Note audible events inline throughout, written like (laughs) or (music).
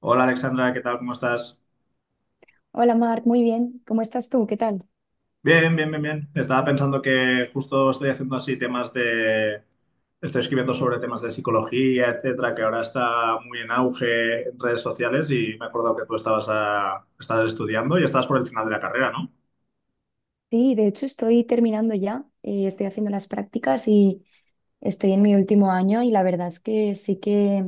Hola Alexandra, ¿qué tal? ¿Cómo estás? Hola Marc, muy bien. ¿Cómo estás tú? ¿Qué tal? Bien, bien, bien, bien. Estaba pensando que justo estoy haciendo así temas de... Estoy escribiendo sobre temas de psicología, etcétera, que ahora está muy en auge en redes sociales y me he acordado que tú estabas estudiando y estabas por el final de la carrera, ¿no? Sí, de hecho estoy terminando ya. Estoy haciendo las prácticas y estoy en mi último año y la verdad es que sí que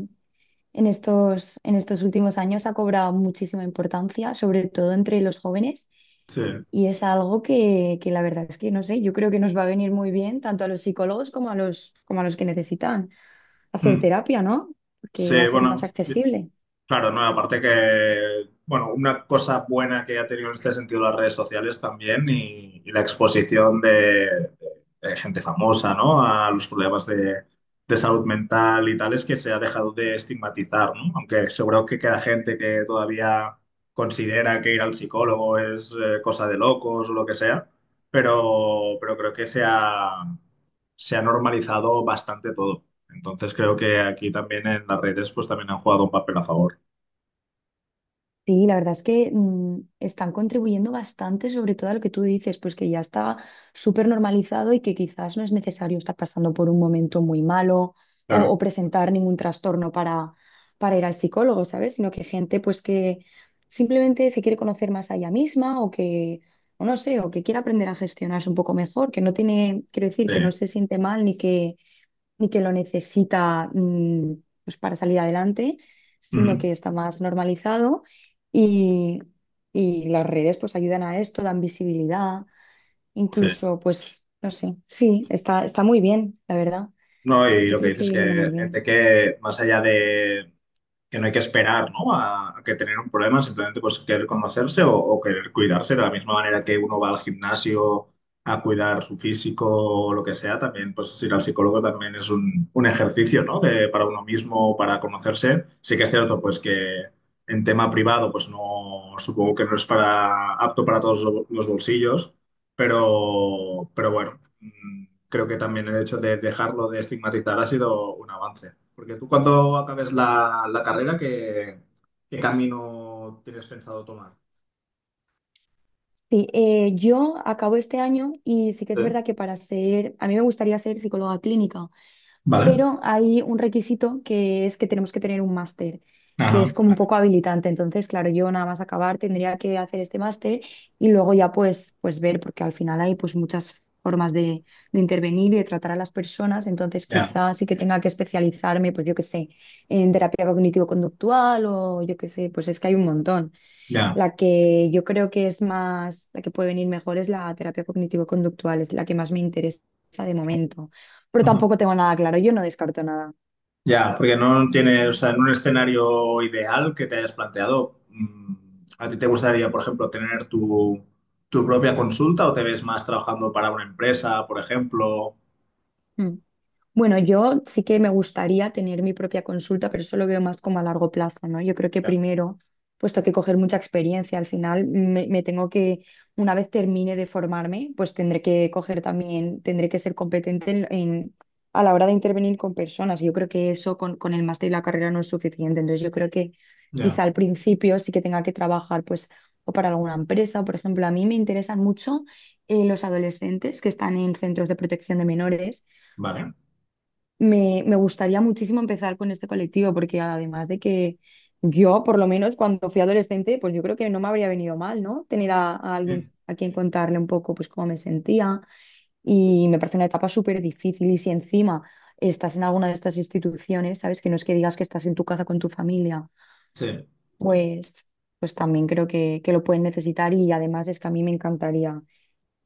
en estos últimos años ha cobrado muchísima importancia, sobre todo entre los jóvenes. Sí. Y es algo que la verdad es que no sé, yo creo que nos va a venir muy bien tanto a los psicólogos como a los que necesitan hacer Mm. terapia, ¿no? Porque va Sí, a ser más bueno. accesible. Claro, no, aparte que, bueno, una cosa buena que ha tenido en este sentido las redes sociales también y la exposición de gente famosa, ¿no? A los problemas de salud mental y tal, es que se ha dejado de estigmatizar, ¿no? Aunque seguro que queda gente que todavía considera que ir al psicólogo es cosa de locos o lo que sea, pero creo que se ha normalizado bastante todo. Entonces creo que aquí también en las redes pues también han jugado un papel a favor. Sí, la verdad es que están contribuyendo bastante, sobre todo a lo que tú dices, pues que ya está súper normalizado y que quizás no es necesario estar pasando por un momento muy malo o, Claro, o presentar ningún trastorno para ir al psicólogo, ¿sabes? Sino que gente pues que simplemente se quiere conocer más a ella misma o no sé, o que quiere aprender a gestionarse un poco mejor, que no tiene, quiero decir, sí. que no se siente mal ni que y que lo necesita pues para salir adelante, sino Ujú, que está más normalizado y, y las redes pues ayudan a esto, dan visibilidad, sí. incluso pues no sé, sí, está muy bien, la verdad. No, y Yo lo que creo dices que es viene que muy gente bien. que más allá de que no hay que esperar, ¿no? A que tener un problema, simplemente pues querer conocerse o querer cuidarse de la misma manera que uno va al gimnasio a cuidar su físico o lo que sea, también pues ir al psicólogo también es un ejercicio, ¿no? Para uno mismo, para conocerse. Sí que es cierto pues que en tema privado pues no, supongo que no es para apto para todos los bolsillos. Pero bueno, creo que también el hecho de dejarlo de estigmatizar ha sido un avance. Porque tú cuando acabes la carrera, ¿qué camino tienes pensado tomar? Sí, yo acabo este año y sí que es ¿Eh? verdad que para ser, a mí me gustaría ser psicóloga clínica. Vale. Pero hay un requisito que es que tenemos que tener un máster, que es Ajá, como un vale. poco habilitante. Entonces, claro, yo nada más acabar tendría que hacer este máster y luego ya pues, pues ver, porque al final hay pues muchas formas de intervenir y de tratar a las personas, entonces Ya, quizás sí que tenga que especializarme, pues yo qué sé, en terapia cognitivo-conductual o yo qué sé, pues es que hay un montón. ya. La que yo creo que es más, la que puede venir mejor es la terapia cognitivo-conductual, es la que más me interesa de momento. Pero Ajá. tampoco tengo nada claro, yo no descarto nada. Ya, porque no tienes, o sea, en un escenario ideal que te hayas planteado, ¿a ti te gustaría, por ejemplo, tener tu propia consulta o te ves más trabajando para una empresa, por ejemplo? Mm. Bueno, yo sí que me gustaría tener mi propia consulta, pero eso lo veo más como a largo plazo, ¿no? Yo creo que Ya, primero, puesto que coger mucha experiencia, al final me tengo que, una vez termine de formarme, pues tendré que coger también, tendré que ser competente a la hora de intervenir con personas. Yo creo que eso con el máster y la carrera no es suficiente. Entonces yo creo que ya. quizá al principio sí que tenga que trabajar, pues, o para alguna empresa, o, por ejemplo, a mí me interesan mucho los adolescentes que están en centros de protección de menores. Vale. Me gustaría muchísimo empezar con este colectivo porque además de que yo, por lo menos cuando fui adolescente, pues yo creo que no me habría venido mal, ¿no? Tener a alguien Mm, a quien contarle un poco pues cómo me sentía y me parece una etapa súper difícil y si encima estás en alguna de estas instituciones, ¿sabes? Que no es que digas que estás en tu casa con tu familia, sí. pues, pues también creo que lo pueden necesitar y además es que a mí me encantaría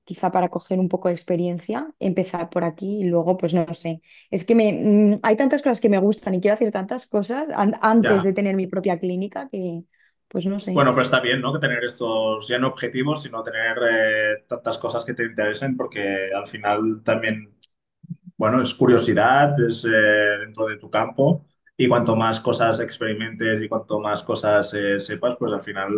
quizá para coger un poco de experiencia, empezar por aquí y luego, pues no sé. Es que me, mm, Hay tantas cosas que me gustan y quiero hacer tantas cosas antes de Ya. tener mi propia clínica que, pues no sé. Bueno, pero está bien, ¿no? Que tener estos ya no objetivos, sino tener tantas cosas que te interesen, porque al final también, bueno, es curiosidad, es dentro de tu campo, y cuanto más cosas experimentes y cuanto más cosas sepas, pues al final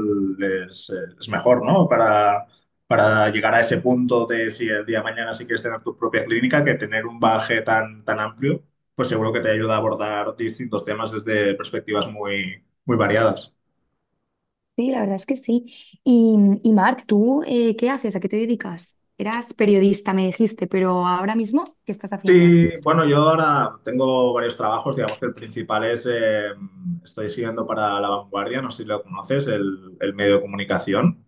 es, eh, es mejor, ¿no? Para llegar a ese punto de si el día de mañana sí quieres tener tu propia clínica, que tener un baje tan, tan amplio, pues seguro que te ayuda a abordar distintos temas desde perspectivas muy, muy variadas. Sí, la verdad es que sí. Y, y Marc, ¿tú qué haces? ¿A qué te dedicas? Eras periodista, me dijiste, pero ahora mismo, ¿qué estás haciendo? Sí, bueno, yo ahora tengo varios trabajos, digamos que el principal estoy siguiendo para La Vanguardia, no sé si lo conoces, el medio de comunicación.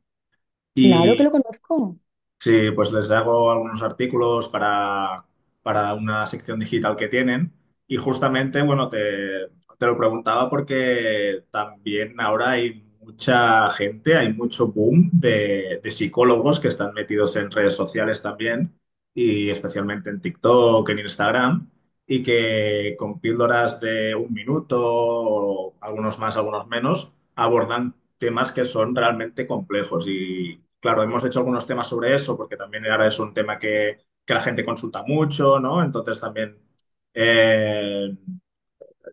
Claro que lo conozco. Sí, pues les hago algunos artículos para una sección digital que tienen y justamente, bueno, te lo preguntaba porque también ahora hay mucha gente, hay mucho boom de psicólogos que están metidos en redes sociales también y especialmente en TikTok, en Instagram y que con píldoras de un minuto o algunos más, algunos menos abordan temas que son realmente complejos. Y claro, hemos hecho algunos temas sobre eso, porque también ahora es un tema que la gente consulta mucho, ¿no? Entonces eh,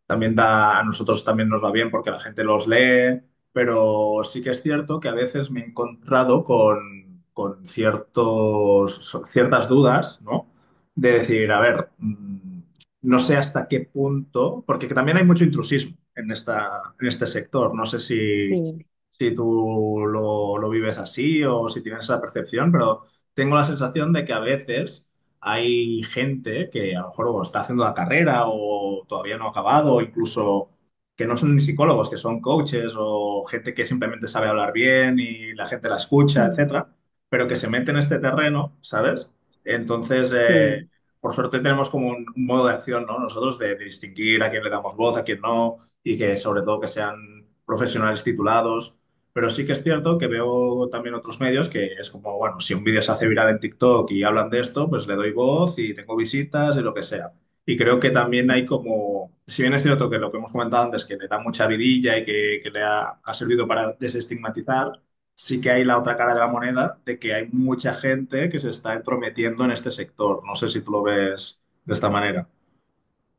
también da, a nosotros también nos va bien porque la gente los lee, pero sí que es cierto que a veces me he encontrado con ciertas dudas, ¿no? De decir, a ver, no sé hasta qué punto, porque que también hay mucho intrusismo en en este sector, no sé si, Sí, si tú lo vives así o si tienes esa percepción, pero tengo la sensación de que a veces hay gente que a lo mejor o está haciendo la carrera o todavía no ha acabado, o incluso que no son ni psicólogos, que son coaches o gente que simplemente sabe hablar bien y la gente la escucha, mm, etcétera, pero que se mete en este terreno, ¿sabes? Entonces, sí. por suerte tenemos como un modo de acción, ¿no? Nosotros de distinguir a quién le damos voz, a quién no, y que sobre todo que sean profesionales titulados pero sí que es cierto que veo también otros medios que es como, bueno, si un vídeo se hace viral en TikTok y hablan de esto, pues le doy voz y tengo visitas y lo que sea. Y creo que también hay como, si bien es cierto que lo que hemos comentado antes, que le da mucha vidilla y que le ha servido para desestigmatizar, sí que hay la otra cara de la moneda de que hay mucha gente que se está entrometiendo en este sector. No sé si tú lo ves de esta manera.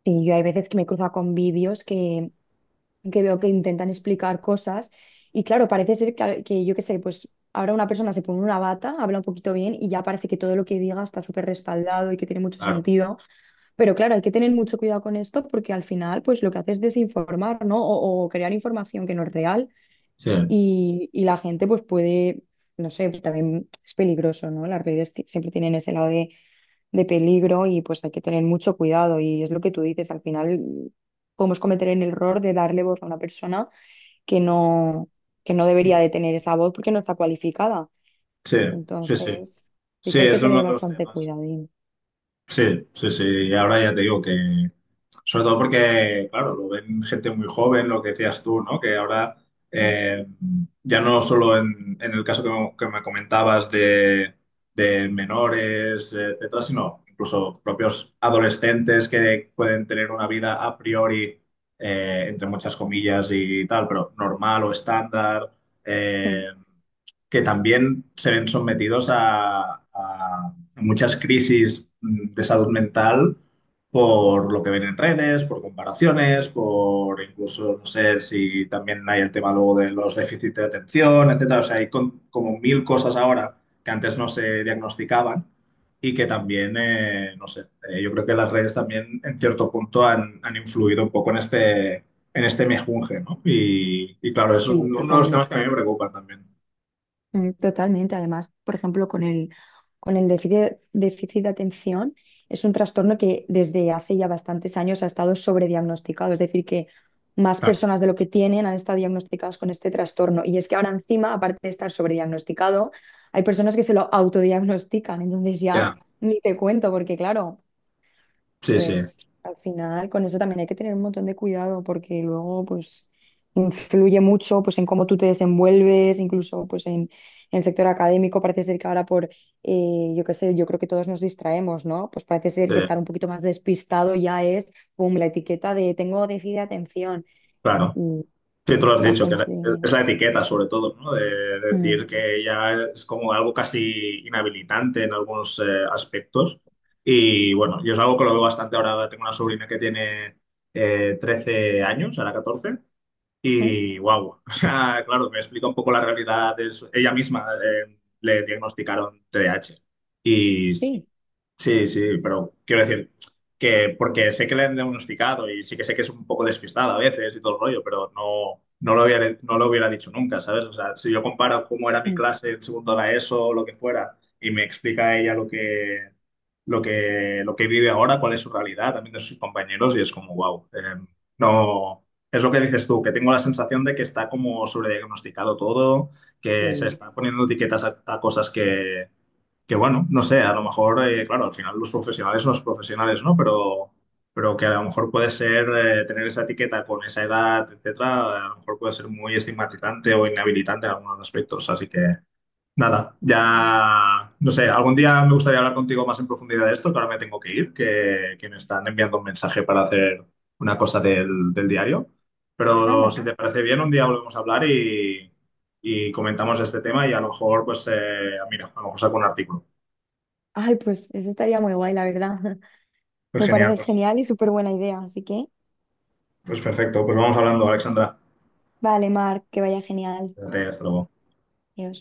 Sí, yo hay veces que me he cruzado con vídeos que veo que intentan explicar cosas y claro, parece ser que yo qué sé, pues ahora una persona se pone una bata, habla un poquito bien y ya parece que todo lo que diga está súper respaldado y que tiene mucho Claro, sentido, pero claro, hay que tener mucho cuidado con esto porque al final pues lo que hace es desinformar, ¿no? O crear información que no es real sí, y la gente pues puede, no sé, pues también es peligroso, ¿no? Las redes siempre tienen ese lado de peligro y pues hay que tener mucho cuidado y es lo que tú dices, al final podemos cometer el error de darle voz a una persona que no, que no sí, debería de tener esa voz porque no está cualificada. sí, sí. Entonces, sí Sí, que hay que es tener uno de los bastante temas. cuidadín. Sí, sí, sí. Ahora ya te digo que, sobre todo porque, claro, lo ven gente muy joven, lo que decías tú, ¿no? Que ahora, Mm, eh, ya no solo en el caso que que me comentabas de menores, etcétera, sino incluso propios adolescentes que pueden tener una vida a priori, entre muchas comillas y tal, pero normal o estándar, mm, eh, que también se ven sometidos a muchas crisis de salud mental por lo que ven en redes, por comparaciones, por incluso, no sé si también hay el tema luego de los déficits de atención, etcétera. O sea, hay como mil cosas ahora que antes no se diagnosticaban y que también, no sé, yo creo que las redes también en cierto punto han influido un poco en en este mejunje, ¿no? Y claro, es un- Sí, uno de los temas totalmente. que a mí me preocupan también. Totalmente. Además, por ejemplo, con el déficit de atención, es un trastorno que desde hace ya bastantes años ha estado sobrediagnosticado. Es decir, que más Claro, personas de lo que tienen han estado diagnosticadas con este trastorno. Y es que ahora encima, aparte de estar sobrediagnosticado, hay personas que se lo autodiagnostican. Entonces ya, ya ni te cuento, porque claro. sí, sí, Pues al final con eso también hay que tener un montón de cuidado porque luego pues influye mucho pues en cómo tú te desenvuelves, incluso pues en el sector académico parece ser que ahora yo qué sé, yo creo que todos nos distraemos, ¿no? Pues parece ser sí, que estar un poquito más despistado ya es, pum, la etiqueta de tengo déficit de atención claro. y, Sí, tú lo has y la dicho, que gente es la pues, etiqueta sobre todo, ¿no? De mm, decir que ya es como algo casi inhabilitante en algunos aspectos. Y bueno, yo es algo que lo veo bastante ahora. Tengo una sobrina que tiene 13 años, ahora 14 mm, y wow, (laughs) o sea, claro, me explica un poco la realidad. Ella misma le diagnosticaron TDAH y s- sí, Sí, sí, pero quiero decir que porque sé que le han diagnosticado y sí que sé que es un poco despistada a veces y todo el rollo, pero no, no lo hubiera dicho nunca, ¿sabes? O sea, si yo comparo cómo era mi mm, clase en segundo de la ESO o lo que fuera y me explica ella lo que vive ahora, cuál es su realidad también de sus compañeros y es como, wow, no, es lo que dices tú, que tengo la sensación de que está como sobrediagnosticado todo, que se sí. está poniendo etiquetas a cosas que bueno, no sé, a lo mejor, claro, al final los profesionales son los profesionales, ¿no? Pero que a lo mejor puede ser tener esa etiqueta con esa edad, etcétera, a lo mejor puede ser muy estigmatizante o inhabilitante en algunos aspectos. Así que nada, mm, ya, no sé, algún día me gustaría hablar contigo más en profundidad de esto, que ahora me tengo que ir, que me están enviando un mensaje para hacer una cosa del diario. Pero Anda, si te parece bien, un día volvemos a hablar y comentamos este tema y a lo mejor, pues, mira, a lo mejor saco un artículo. ay, pues eso estaría muy guay, la verdad. (laughs) Pues Me genial, parece pues, genial y súper buena idea, así que pues perfecto. Pues vamos hablando, Alexandra. vale, Mar, que vaya genial. Cuídate, hasta luego. Adiós.